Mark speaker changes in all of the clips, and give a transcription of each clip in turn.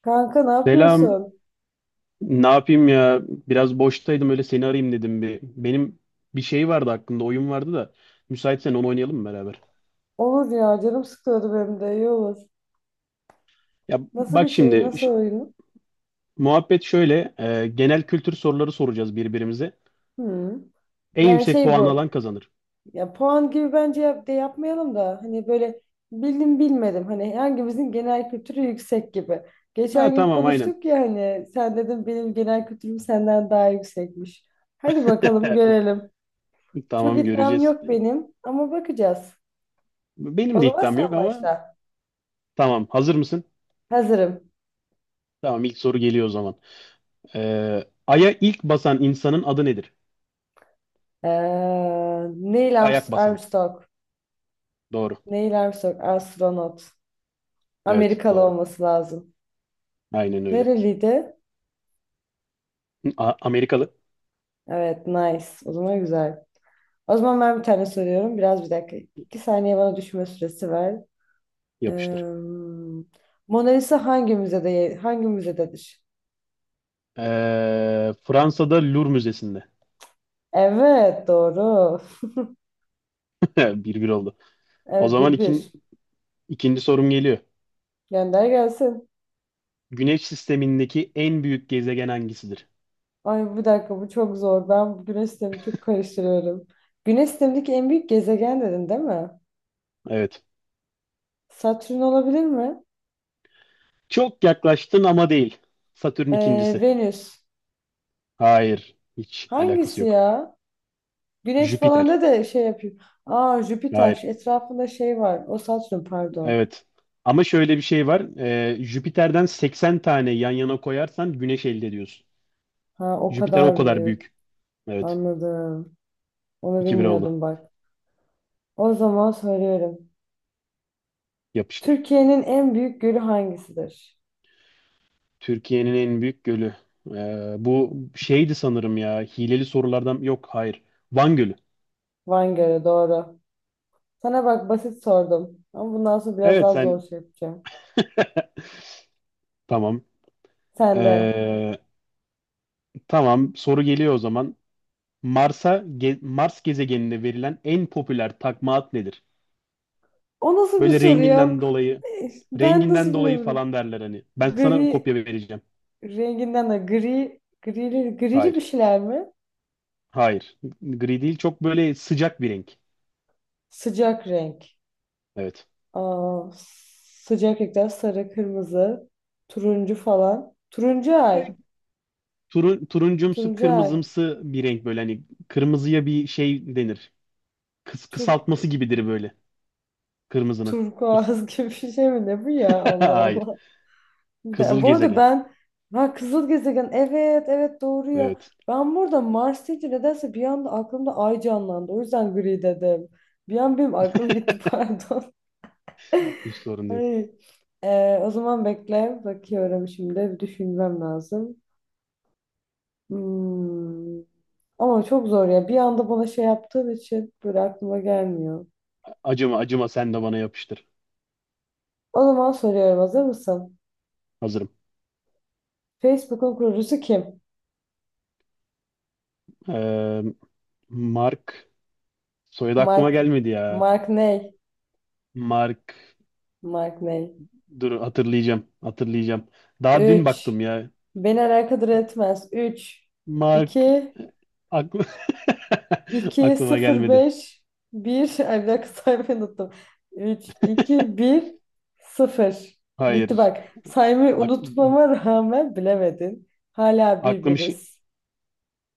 Speaker 1: Kanka ne
Speaker 2: Selam.
Speaker 1: yapıyorsun?
Speaker 2: Ne yapayım ya? Biraz boştaydım öyle seni arayayım dedim bir. Benim bir şey vardı hakkında oyun vardı da müsaitsen onu oynayalım mı beraber?
Speaker 1: Olur ya canım sıkıyordu benim de iyi olur.
Speaker 2: Ya
Speaker 1: Nasıl bir
Speaker 2: bak
Speaker 1: şey
Speaker 2: şimdi
Speaker 1: nasıl oyun?
Speaker 2: muhabbet şöyle genel kültür soruları soracağız birbirimize.
Speaker 1: Hı.
Speaker 2: En
Speaker 1: Yani
Speaker 2: yüksek
Speaker 1: şey
Speaker 2: puan
Speaker 1: bu
Speaker 2: alan kazanır.
Speaker 1: ya puan gibi bence de yapmayalım da hani böyle bildim bilmedim hani hangimizin genel kültürü yüksek gibi.
Speaker 2: Ha
Speaker 1: Geçen gün
Speaker 2: tamam aynen.
Speaker 1: konuştuk ya hani sen dedin benim genel kültürüm senden daha yüksekmiş. Hadi bakalım görelim. Çok
Speaker 2: Tamam
Speaker 1: iddiam
Speaker 2: göreceğiz.
Speaker 1: yok benim ama bakacağız.
Speaker 2: Benim
Speaker 1: O
Speaker 2: de
Speaker 1: zaman
Speaker 2: iddiam yok
Speaker 1: sen
Speaker 2: ama
Speaker 1: başla.
Speaker 2: tamam hazır mısın?
Speaker 1: Hazırım.
Speaker 2: Tamam ilk soru geliyor o zaman. Ay'a ilk basan insanın adı nedir?
Speaker 1: Ee, Neil
Speaker 2: İlk ayak basan.
Speaker 1: Armstrong.
Speaker 2: Doğru.
Speaker 1: Neil Armstrong, astronot.
Speaker 2: Evet
Speaker 1: Amerikalı
Speaker 2: doğru.
Speaker 1: olması lazım.
Speaker 2: Aynen öyle.
Speaker 1: Nereliydi?
Speaker 2: Amerikalı.
Speaker 1: Evet, nice. O zaman güzel. O zaman ben bir tane soruyorum. Biraz bir dakika. İki saniye bana düşünme süresi ver.
Speaker 2: Yapıştır.
Speaker 1: Ee, Mona Lisa hangi müzededir?
Speaker 2: Fransa'da Louvre Müzesi'nde.
Speaker 1: Evet, doğru.
Speaker 2: 1-1 oldu. O
Speaker 1: Evet,
Speaker 2: zaman
Speaker 1: 1-1.
Speaker 2: ikinci sorum geliyor.
Speaker 1: Gönder gelsin.
Speaker 2: Güneş sistemindeki en büyük gezegen hangisidir?
Speaker 1: Ay bir dakika bu çok zor. Ben bu güneş sistemini çok karıştırıyorum. Güneş sistemindeki en büyük gezegen dedin değil mi?
Speaker 2: Evet.
Speaker 1: Satürn olabilir mi?
Speaker 2: Çok yaklaştın ama değil. Satürn ikincisi.
Speaker 1: Venüs.
Speaker 2: Hayır. Hiç alakası
Speaker 1: Hangisi
Speaker 2: yok.
Speaker 1: ya? Güneş falan
Speaker 2: Jüpiter.
Speaker 1: da şey yapıyor. Aa, Jüpiter şu
Speaker 2: Hayır.
Speaker 1: etrafında şey var. O Satürn pardon.
Speaker 2: Evet. Ama şöyle bir şey var. Jüpiter'den 80 tane yan yana koyarsan Güneş elde ediyorsun.
Speaker 1: Ha o
Speaker 2: Jüpiter o
Speaker 1: kadar
Speaker 2: kadar
Speaker 1: büyük.
Speaker 2: büyük. Evet.
Speaker 1: Anladım. Onu
Speaker 2: 2 bir oldu.
Speaker 1: bilmiyordum bak. O zaman söylüyorum.
Speaker 2: Yapıştır.
Speaker 1: Türkiye'nin en büyük gölü hangisidir?
Speaker 2: Türkiye'nin en büyük gölü. Bu şeydi sanırım ya. Hileli sorulardan yok, hayır. Van Gölü.
Speaker 1: Van Gölü doğru. Sana bak basit sordum. Ama bundan sonra biraz
Speaker 2: Evet
Speaker 1: daha zor
Speaker 2: sen
Speaker 1: şey yapacağım.
Speaker 2: tamam.
Speaker 1: Sen de.
Speaker 2: Ee, tamam, soru geliyor o zaman. Mars gezegeninde verilen en popüler takma ad nedir?
Speaker 1: O nasıl bir
Speaker 2: Böyle
Speaker 1: soru ya?
Speaker 2: renginden dolayı
Speaker 1: Ben nasıl
Speaker 2: renginden dolayı
Speaker 1: biliyorum?
Speaker 2: falan derler hani. Ben sana
Speaker 1: Gri
Speaker 2: kopya vereceğim.
Speaker 1: renginden de gri grili grili bir
Speaker 2: Hayır.
Speaker 1: şeyler mi?
Speaker 2: Hayır. Gri değil, çok böyle sıcak bir renk.
Speaker 1: Sıcak renk.
Speaker 2: Evet.
Speaker 1: Aa, sıcak renkler sarı, kırmızı, turuncu falan. Turuncu ay.
Speaker 2: E, Turuncumsu
Speaker 1: Turuncu ay.
Speaker 2: kırmızımsı bir renk, böyle hani kırmızıya bir şey denir.
Speaker 1: Turk,
Speaker 2: Kısaltması gibidir böyle. Kırmızının.
Speaker 1: turkuaz gibi bir şey mi ne bu ya? Allah
Speaker 2: Hayır.
Speaker 1: Allah.
Speaker 2: Kızıl
Speaker 1: Bu arada
Speaker 2: gezegen.
Speaker 1: ben ha kızıl gezegen evet evet doğru ya.
Speaker 2: Evet.
Speaker 1: Ben burada Mars deyince nedense bir anda aklımda ay canlandı. O yüzden gri dedim. Bir an benim aklım gitti pardon.
Speaker 2: Hiç sorun değil.
Speaker 1: Ay. O zaman bekle. Bakıyorum şimdi. Bir düşünmem lazım. Hmm. Ama çok zor ya. Bir anda bana şey yaptığın için böyle aklıma gelmiyor.
Speaker 2: Acıma, acıma, sen de bana yapıştır.
Speaker 1: O zaman soruyorum, hazır mısın?
Speaker 2: Hazırım.
Speaker 1: Facebook'un kurucusu kim?
Speaker 2: Ee, Mark. Soyadı aklıma
Speaker 1: Mark.
Speaker 2: gelmedi ya.
Speaker 1: Mark ney?
Speaker 2: Mark.
Speaker 1: Mark ney?
Speaker 2: Dur, hatırlayacağım. Hatırlayacağım. Daha dün
Speaker 1: Üç.
Speaker 2: baktım ya.
Speaker 1: Beni alakadar etmez. Üç
Speaker 2: Mark.
Speaker 1: iki
Speaker 2: Aklı...
Speaker 1: iki
Speaker 2: Aklıma
Speaker 1: sıfır
Speaker 2: gelmedi.
Speaker 1: beş 1. Ay bir dakika saymayı unuttum. Üç iki bir sıfır. Bitti
Speaker 2: Hayır.
Speaker 1: bak. Saymayı
Speaker 2: Ak
Speaker 1: unutmama rağmen bilemedin. Hala
Speaker 2: Aklım işi.
Speaker 1: birbiriz.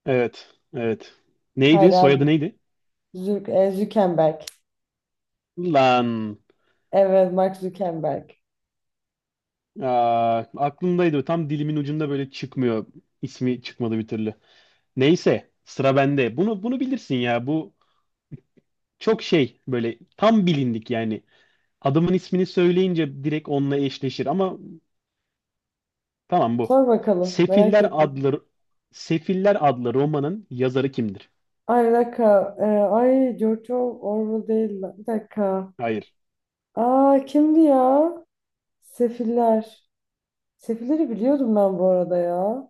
Speaker 2: Evet. Evet. Neydi?
Speaker 1: Hala
Speaker 2: Soyadı neydi?
Speaker 1: Zuckerberg.
Speaker 2: Lan.
Speaker 1: Evet, Mark Zuckerberg.
Speaker 2: Aklımdaydı. Tam dilimin ucunda, böyle çıkmıyor. İsmi çıkmadı bir türlü. Neyse, sıra bende. Bunu bilirsin ya. Bu çok şey, böyle tam bilindik yani. Adamın ismini söyleyince direkt onunla eşleşir, ama tamam, bu.
Speaker 1: Sor bakalım, merak
Speaker 2: Sefiller
Speaker 1: ettim.
Speaker 2: adlı Sefiller adlı romanın yazarı kimdir?
Speaker 1: Ay bir dakika. Ay George Orwell değil. Lan. Bir dakika.
Speaker 2: Hayır.
Speaker 1: Aa, kimdi ya? Sefiller. Sefilleri biliyordum ben bu arada ya.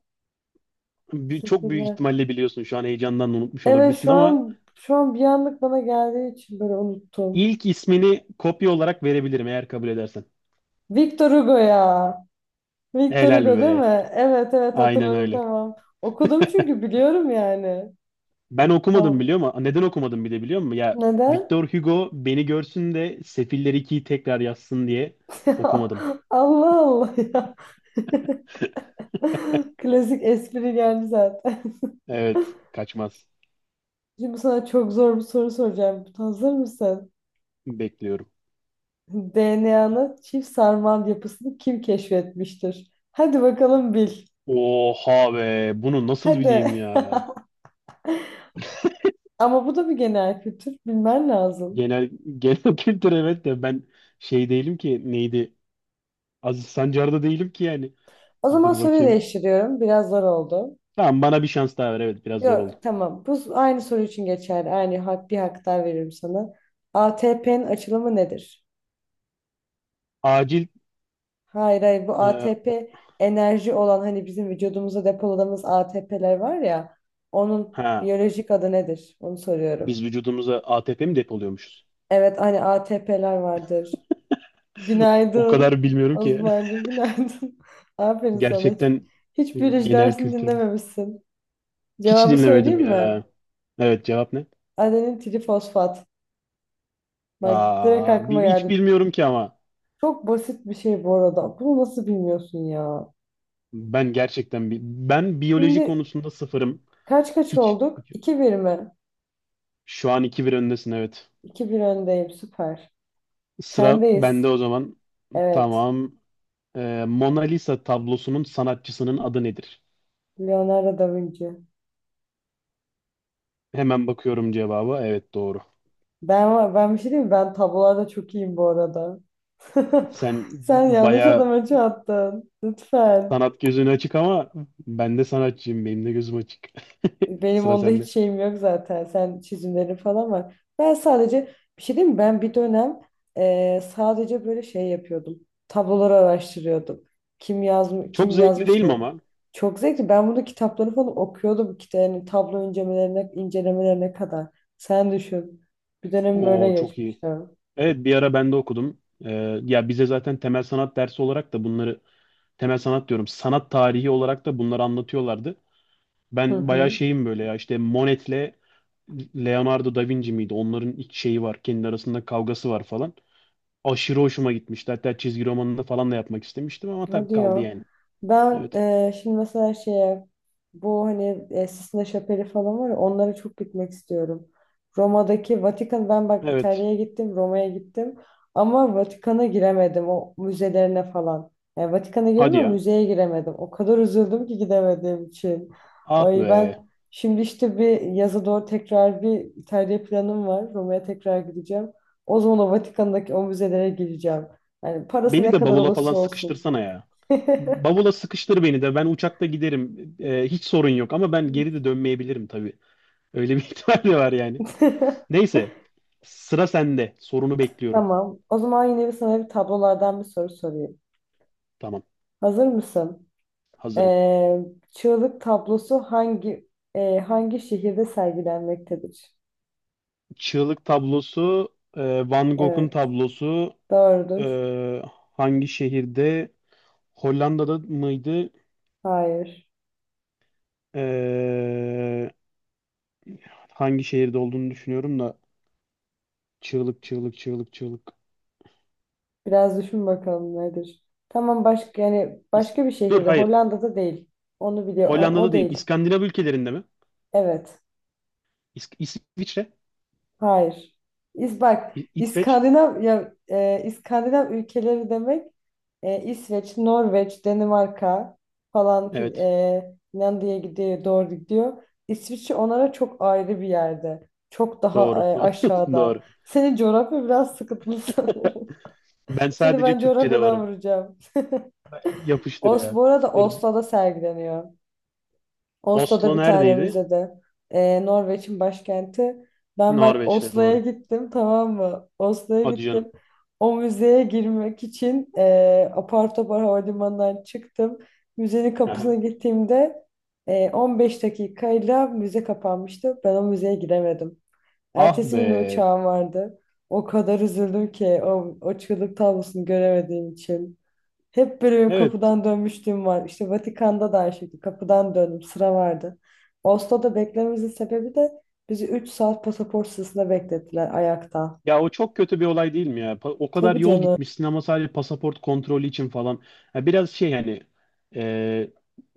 Speaker 2: Çok büyük
Speaker 1: Sefiller.
Speaker 2: ihtimalle biliyorsun. Şu an heyecandan unutmuş
Speaker 1: Evet,
Speaker 2: olabilirsin,
Speaker 1: şu
Speaker 2: ama
Speaker 1: an şu an bir anlık bana geldiği için böyle unuttum.
Speaker 2: ilk ismini kopya olarak verebilirim, eğer kabul edersen.
Speaker 1: Victor Hugo ya. Victor
Speaker 2: Helal
Speaker 1: Hugo değil
Speaker 2: be.
Speaker 1: mi? Evet, evet,
Speaker 2: Aynen
Speaker 1: hatırladım
Speaker 2: öyle.
Speaker 1: tamam. Okudum çünkü biliyorum yani.
Speaker 2: Ben okumadım,
Speaker 1: Tamam.
Speaker 2: biliyor musun? Neden okumadım bir de biliyor musun? Ya,
Speaker 1: Neden?
Speaker 2: Victor Hugo beni görsün de Sefiller ikiyi tekrar yazsın diye
Speaker 1: Ya
Speaker 2: okumadım.
Speaker 1: Allah Allah ya. Klasik espri geldi zaten.
Speaker 2: Evet, kaçmaz.
Speaker 1: Şimdi sana çok zor bir soru soracağım. Hazır mısın?
Speaker 2: Bekliyorum.
Speaker 1: DNA'nın çift sarmal yapısını kim keşfetmiştir? Hadi bakalım bil.
Speaker 2: Oha be, bunu nasıl bileyim
Speaker 1: Hadi.
Speaker 2: ya?
Speaker 1: Ama bu da bir genel kültür. Bilmen lazım.
Speaker 2: Genel genel kültür, evet, de ben şey değilim ki, neydi? Aziz Sancar'da değilim ki yani.
Speaker 1: O zaman
Speaker 2: Dur
Speaker 1: soruyu
Speaker 2: bakayım.
Speaker 1: değiştiriyorum. Biraz zor oldu.
Speaker 2: Tamam, bana bir şans daha ver. Evet, biraz zor oldu.
Speaker 1: Yok tamam. Bu aynı soru için geçerli. Aynı hak, bir hak daha veririm sana. ATP'nin açılımı nedir?
Speaker 2: Acil
Speaker 1: Hayır, hayır, bu
Speaker 2: e,
Speaker 1: ATP enerji olan hani bizim vücudumuzda depoladığımız ATP'ler var ya onun
Speaker 2: ha,
Speaker 1: biyolojik adı nedir? Onu
Speaker 2: biz
Speaker 1: soruyorum.
Speaker 2: vücudumuza ATP mi depoluyormuşuz?
Speaker 1: Evet hani ATP'ler vardır.
Speaker 2: O
Speaker 1: Günaydın.
Speaker 2: kadar bilmiyorum ki.
Speaker 1: Osman'cığım günaydın. Aferin sana. Hiç,
Speaker 2: Gerçekten
Speaker 1: hiç biyoloji
Speaker 2: genel
Speaker 1: dersini
Speaker 2: kültür.
Speaker 1: dinlememişsin.
Speaker 2: Hiç
Speaker 1: Cevabı
Speaker 2: dinlemedim
Speaker 1: söyleyeyim mi?
Speaker 2: ya. Evet, cevap ne?
Speaker 1: Adenin trifosfat. Bak direkt aklıma
Speaker 2: Hiç
Speaker 1: geldi.
Speaker 2: bilmiyorum ki, ama
Speaker 1: Çok basit bir şey bu arada. Bunu nasıl bilmiyorsun ya?
Speaker 2: ben gerçekten ben biyoloji
Speaker 1: Şimdi
Speaker 2: konusunda sıfırım.
Speaker 1: kaç kaç
Speaker 2: Hiç,
Speaker 1: olduk? 2-1 mi?
Speaker 2: şu an iki 1 öndesin evet.
Speaker 1: 2 bir öndeyim. Süper.
Speaker 2: Sıra
Speaker 1: Sendeyiz.
Speaker 2: bende o zaman.
Speaker 1: Evet.
Speaker 2: Tamam. Mona Lisa tablosunun sanatçısının adı nedir?
Speaker 1: Leonardo da Vinci.
Speaker 2: Hemen bakıyorum cevaba. Evet, doğru.
Speaker 1: Ben bir şey diyeyim mi? Ben tablolarda çok iyiyim bu arada.
Speaker 2: Sen
Speaker 1: Sen yanlış
Speaker 2: bayağı
Speaker 1: adama çattın. Lütfen.
Speaker 2: sanat gözün açık, ama ben de sanatçıyım. Benim de gözüm açık.
Speaker 1: Benim
Speaker 2: Sıra
Speaker 1: onda hiç
Speaker 2: sende.
Speaker 1: şeyim yok zaten. Sen çizimlerin falan var. Ben sadece bir şey diyeyim mi? Ben bir dönem sadece böyle şey yapıyordum. Tabloları araştırıyordum. Kim yazmış,
Speaker 2: Çok
Speaker 1: kim
Speaker 2: zevkli
Speaker 1: yazmış
Speaker 2: değil mi
Speaker 1: ne?
Speaker 2: ama?
Speaker 1: Çok zevkli. Ben bunu kitapları falan okuyordum. Kitap, yani tablo incelemelerine kadar. Sen düşün. Bir dönem böyle
Speaker 2: O çok iyi.
Speaker 1: geçmişti.
Speaker 2: Evet, bir ara ben de okudum. Ya, bize zaten temel sanat dersi olarak da bunları, temel sanat diyorum, sanat tarihi olarak da bunları anlatıyorlardı.
Speaker 1: Hı
Speaker 2: Ben bayağı
Speaker 1: hı.
Speaker 2: şeyim böyle ya, işte Monet'le Leonardo da Vinci miydi? Onların ilk şeyi var. Kendi arasında kavgası var falan. Aşırı hoşuma gitmişti. Hatta çizgi romanını falan da yapmak istemiştim, ama
Speaker 1: Ne
Speaker 2: tabii kaldı
Speaker 1: diyor?
Speaker 2: yani.
Speaker 1: Ben
Speaker 2: Evet.
Speaker 1: şimdi mesela şeye bu hani Sistine Şapeli falan var ya onlara çok gitmek istiyorum. Roma'daki Vatikan ben bak
Speaker 2: Evet.
Speaker 1: İtalya'ya gittim, Roma'ya gittim ama Vatikan'a giremedim o müzelerine falan. Yani Vatikan'a girdim
Speaker 2: Hadi
Speaker 1: ama
Speaker 2: ya.
Speaker 1: müzeye giremedim. O kadar üzüldüm ki gidemediğim için.
Speaker 2: Ah
Speaker 1: Ay
Speaker 2: be.
Speaker 1: ben şimdi işte bir yaza doğru tekrar bir İtalya planım var. Roma'ya tekrar gideceğim. O zaman o Vatikan'daki o müzelere gireceğim. Yani parası
Speaker 2: Beni
Speaker 1: ne
Speaker 2: de
Speaker 1: kadar
Speaker 2: bavula falan
Speaker 1: olursa olsun.
Speaker 2: sıkıştırsana ya. Bavula sıkıştır beni de, ben uçakta giderim. Hiç sorun yok, ama ben geri de dönmeyebilirim tabii. Öyle bir ihtimal de var yani. Neyse, sıra sende. Sorunu bekliyorum.
Speaker 1: Tamam. O zaman yine bir sana bir tablolardan bir soru sorayım.
Speaker 2: Tamam,
Speaker 1: Hazır mısın?
Speaker 2: hazırım.
Speaker 1: Ee, Çığlık tablosu hangi şehirde sergilenmektedir?
Speaker 2: Çığlık tablosu, Van Gogh'un
Speaker 1: Evet.
Speaker 2: tablosu e,
Speaker 1: Doğrudur.
Speaker 2: hangi şehirde? Hollanda'da mıydı?
Speaker 1: Hayır.
Speaker 2: E, Hangi şehirde olduğunu düşünüyorum da, çığlık, çığlık, çığlık, çığlık.
Speaker 1: Biraz düşün bakalım nedir? Tamam başka yani
Speaker 2: İs-
Speaker 1: başka bir
Speaker 2: Dur,
Speaker 1: şehirde.
Speaker 2: hayır.
Speaker 1: Hollanda'da değil. Onu biliyor. O
Speaker 2: Hollanda'da değil.
Speaker 1: değil.
Speaker 2: İskandinav ülkelerinde mi?
Speaker 1: Evet.
Speaker 2: İsviçre?
Speaker 1: Hayır. Bak
Speaker 2: İsveç?
Speaker 1: İskandinav ya İskandinav ülkeleri demek İsveç, Norveç, Danimarka falan
Speaker 2: Evet.
Speaker 1: Finlandiya'ya gidiyor, doğru gidiyor. İsviçre onlara çok ayrı bir yerde. Çok daha
Speaker 2: Doğru.
Speaker 1: aşağıda.
Speaker 2: Doğru.
Speaker 1: Senin coğrafya biraz sıkıntılı sanırım.
Speaker 2: Ben
Speaker 1: Seni
Speaker 2: sadece
Speaker 1: ben
Speaker 2: Türkçe'de
Speaker 1: coğrafyadan
Speaker 2: varım.
Speaker 1: vuracağım.
Speaker 2: Yapıştır
Speaker 1: Os,
Speaker 2: ya.
Speaker 1: bu arada
Speaker 2: Dur,
Speaker 1: Oslo'da sergileniyor. Oslo'da
Speaker 2: Oslo
Speaker 1: bir tane
Speaker 2: neredeydi?
Speaker 1: müzede. Norveç'in başkenti. Ben bak
Speaker 2: Norveç'te,
Speaker 1: Oslo'ya
Speaker 2: doğru.
Speaker 1: gittim tamam mı? Oslo'ya
Speaker 2: Hadi canım.
Speaker 1: gittim. O müzeye girmek için apar topar havalimanından çıktım. Müzenin
Speaker 2: Aha.
Speaker 1: kapısına gittiğimde 15 dakikayla müze kapanmıştı. Ben o müzeye giremedim.
Speaker 2: Ah
Speaker 1: Ertesi gün de
Speaker 2: be.
Speaker 1: uçağım vardı. O kadar üzüldüm ki o çığlık tablosunu göremediğim için. Hep böyle benim
Speaker 2: Evet.
Speaker 1: kapıdan dönmüşlüğüm var. İşte Vatikan'da da aynı şekilde kapıdan döndüm. Sıra vardı. Oslo'da beklememizin sebebi de bizi 3 saat pasaport sırasında beklettiler ayakta.
Speaker 2: Ya, o çok kötü bir olay değil mi ya? O kadar
Speaker 1: Tabii
Speaker 2: yol
Speaker 1: canım.
Speaker 2: gitmişsin, ama sadece pasaport kontrolü için falan. Ha, biraz şey hani, e,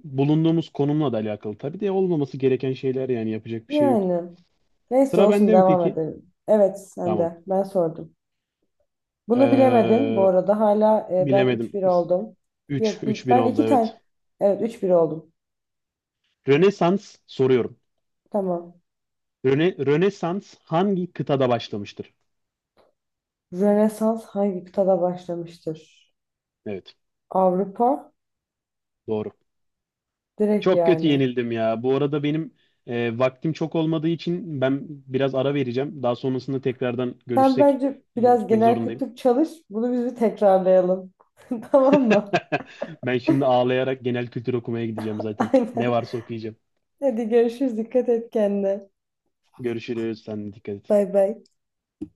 Speaker 2: bulunduğumuz konumla da alakalı. Tabii de olmaması gereken şeyler, yani yapacak bir şey yok.
Speaker 1: Yani. Neyse
Speaker 2: Sıra
Speaker 1: olsun
Speaker 2: bende mi
Speaker 1: devam
Speaker 2: peki?
Speaker 1: edelim. Evet sen
Speaker 2: Tamam.
Speaker 1: de. Ben sordum. Bunu bilemedin bu
Speaker 2: Ee,
Speaker 1: arada. Hala ben üç
Speaker 2: Bilemedim.
Speaker 1: bir oldum.
Speaker 2: 3
Speaker 1: Yok
Speaker 2: 3-1
Speaker 1: ben
Speaker 2: oldu
Speaker 1: 2
Speaker 2: evet.
Speaker 1: tane. Evet 3-1 oldum.
Speaker 2: Rönesans soruyorum.
Speaker 1: Tamam.
Speaker 2: Rönesans hangi kıtada başlamıştır?
Speaker 1: Rönesans hangi kıtada başlamıştır?
Speaker 2: Evet,
Speaker 1: Avrupa.
Speaker 2: doğru.
Speaker 1: Direkt
Speaker 2: Çok kötü
Speaker 1: yani.
Speaker 2: yenildim ya. Bu arada benim vaktim çok olmadığı için ben biraz ara vereceğim. Daha sonrasında tekrardan
Speaker 1: Sen
Speaker 2: görüşsek.
Speaker 1: bence
Speaker 2: Şimdi
Speaker 1: biraz
Speaker 2: gitmek
Speaker 1: genel
Speaker 2: zorundayım.
Speaker 1: kültür çalış. Bunu biz bir tekrarlayalım. Tamam mı?
Speaker 2: Ben şimdi ağlayarak genel kültür okumaya gideceğim zaten. Ne
Speaker 1: Aynen.
Speaker 2: varsa okuyacağım.
Speaker 1: Hadi görüşürüz. Dikkat et kendine.
Speaker 2: Görüşürüz. Sen de dikkat et.
Speaker 1: Bay bay.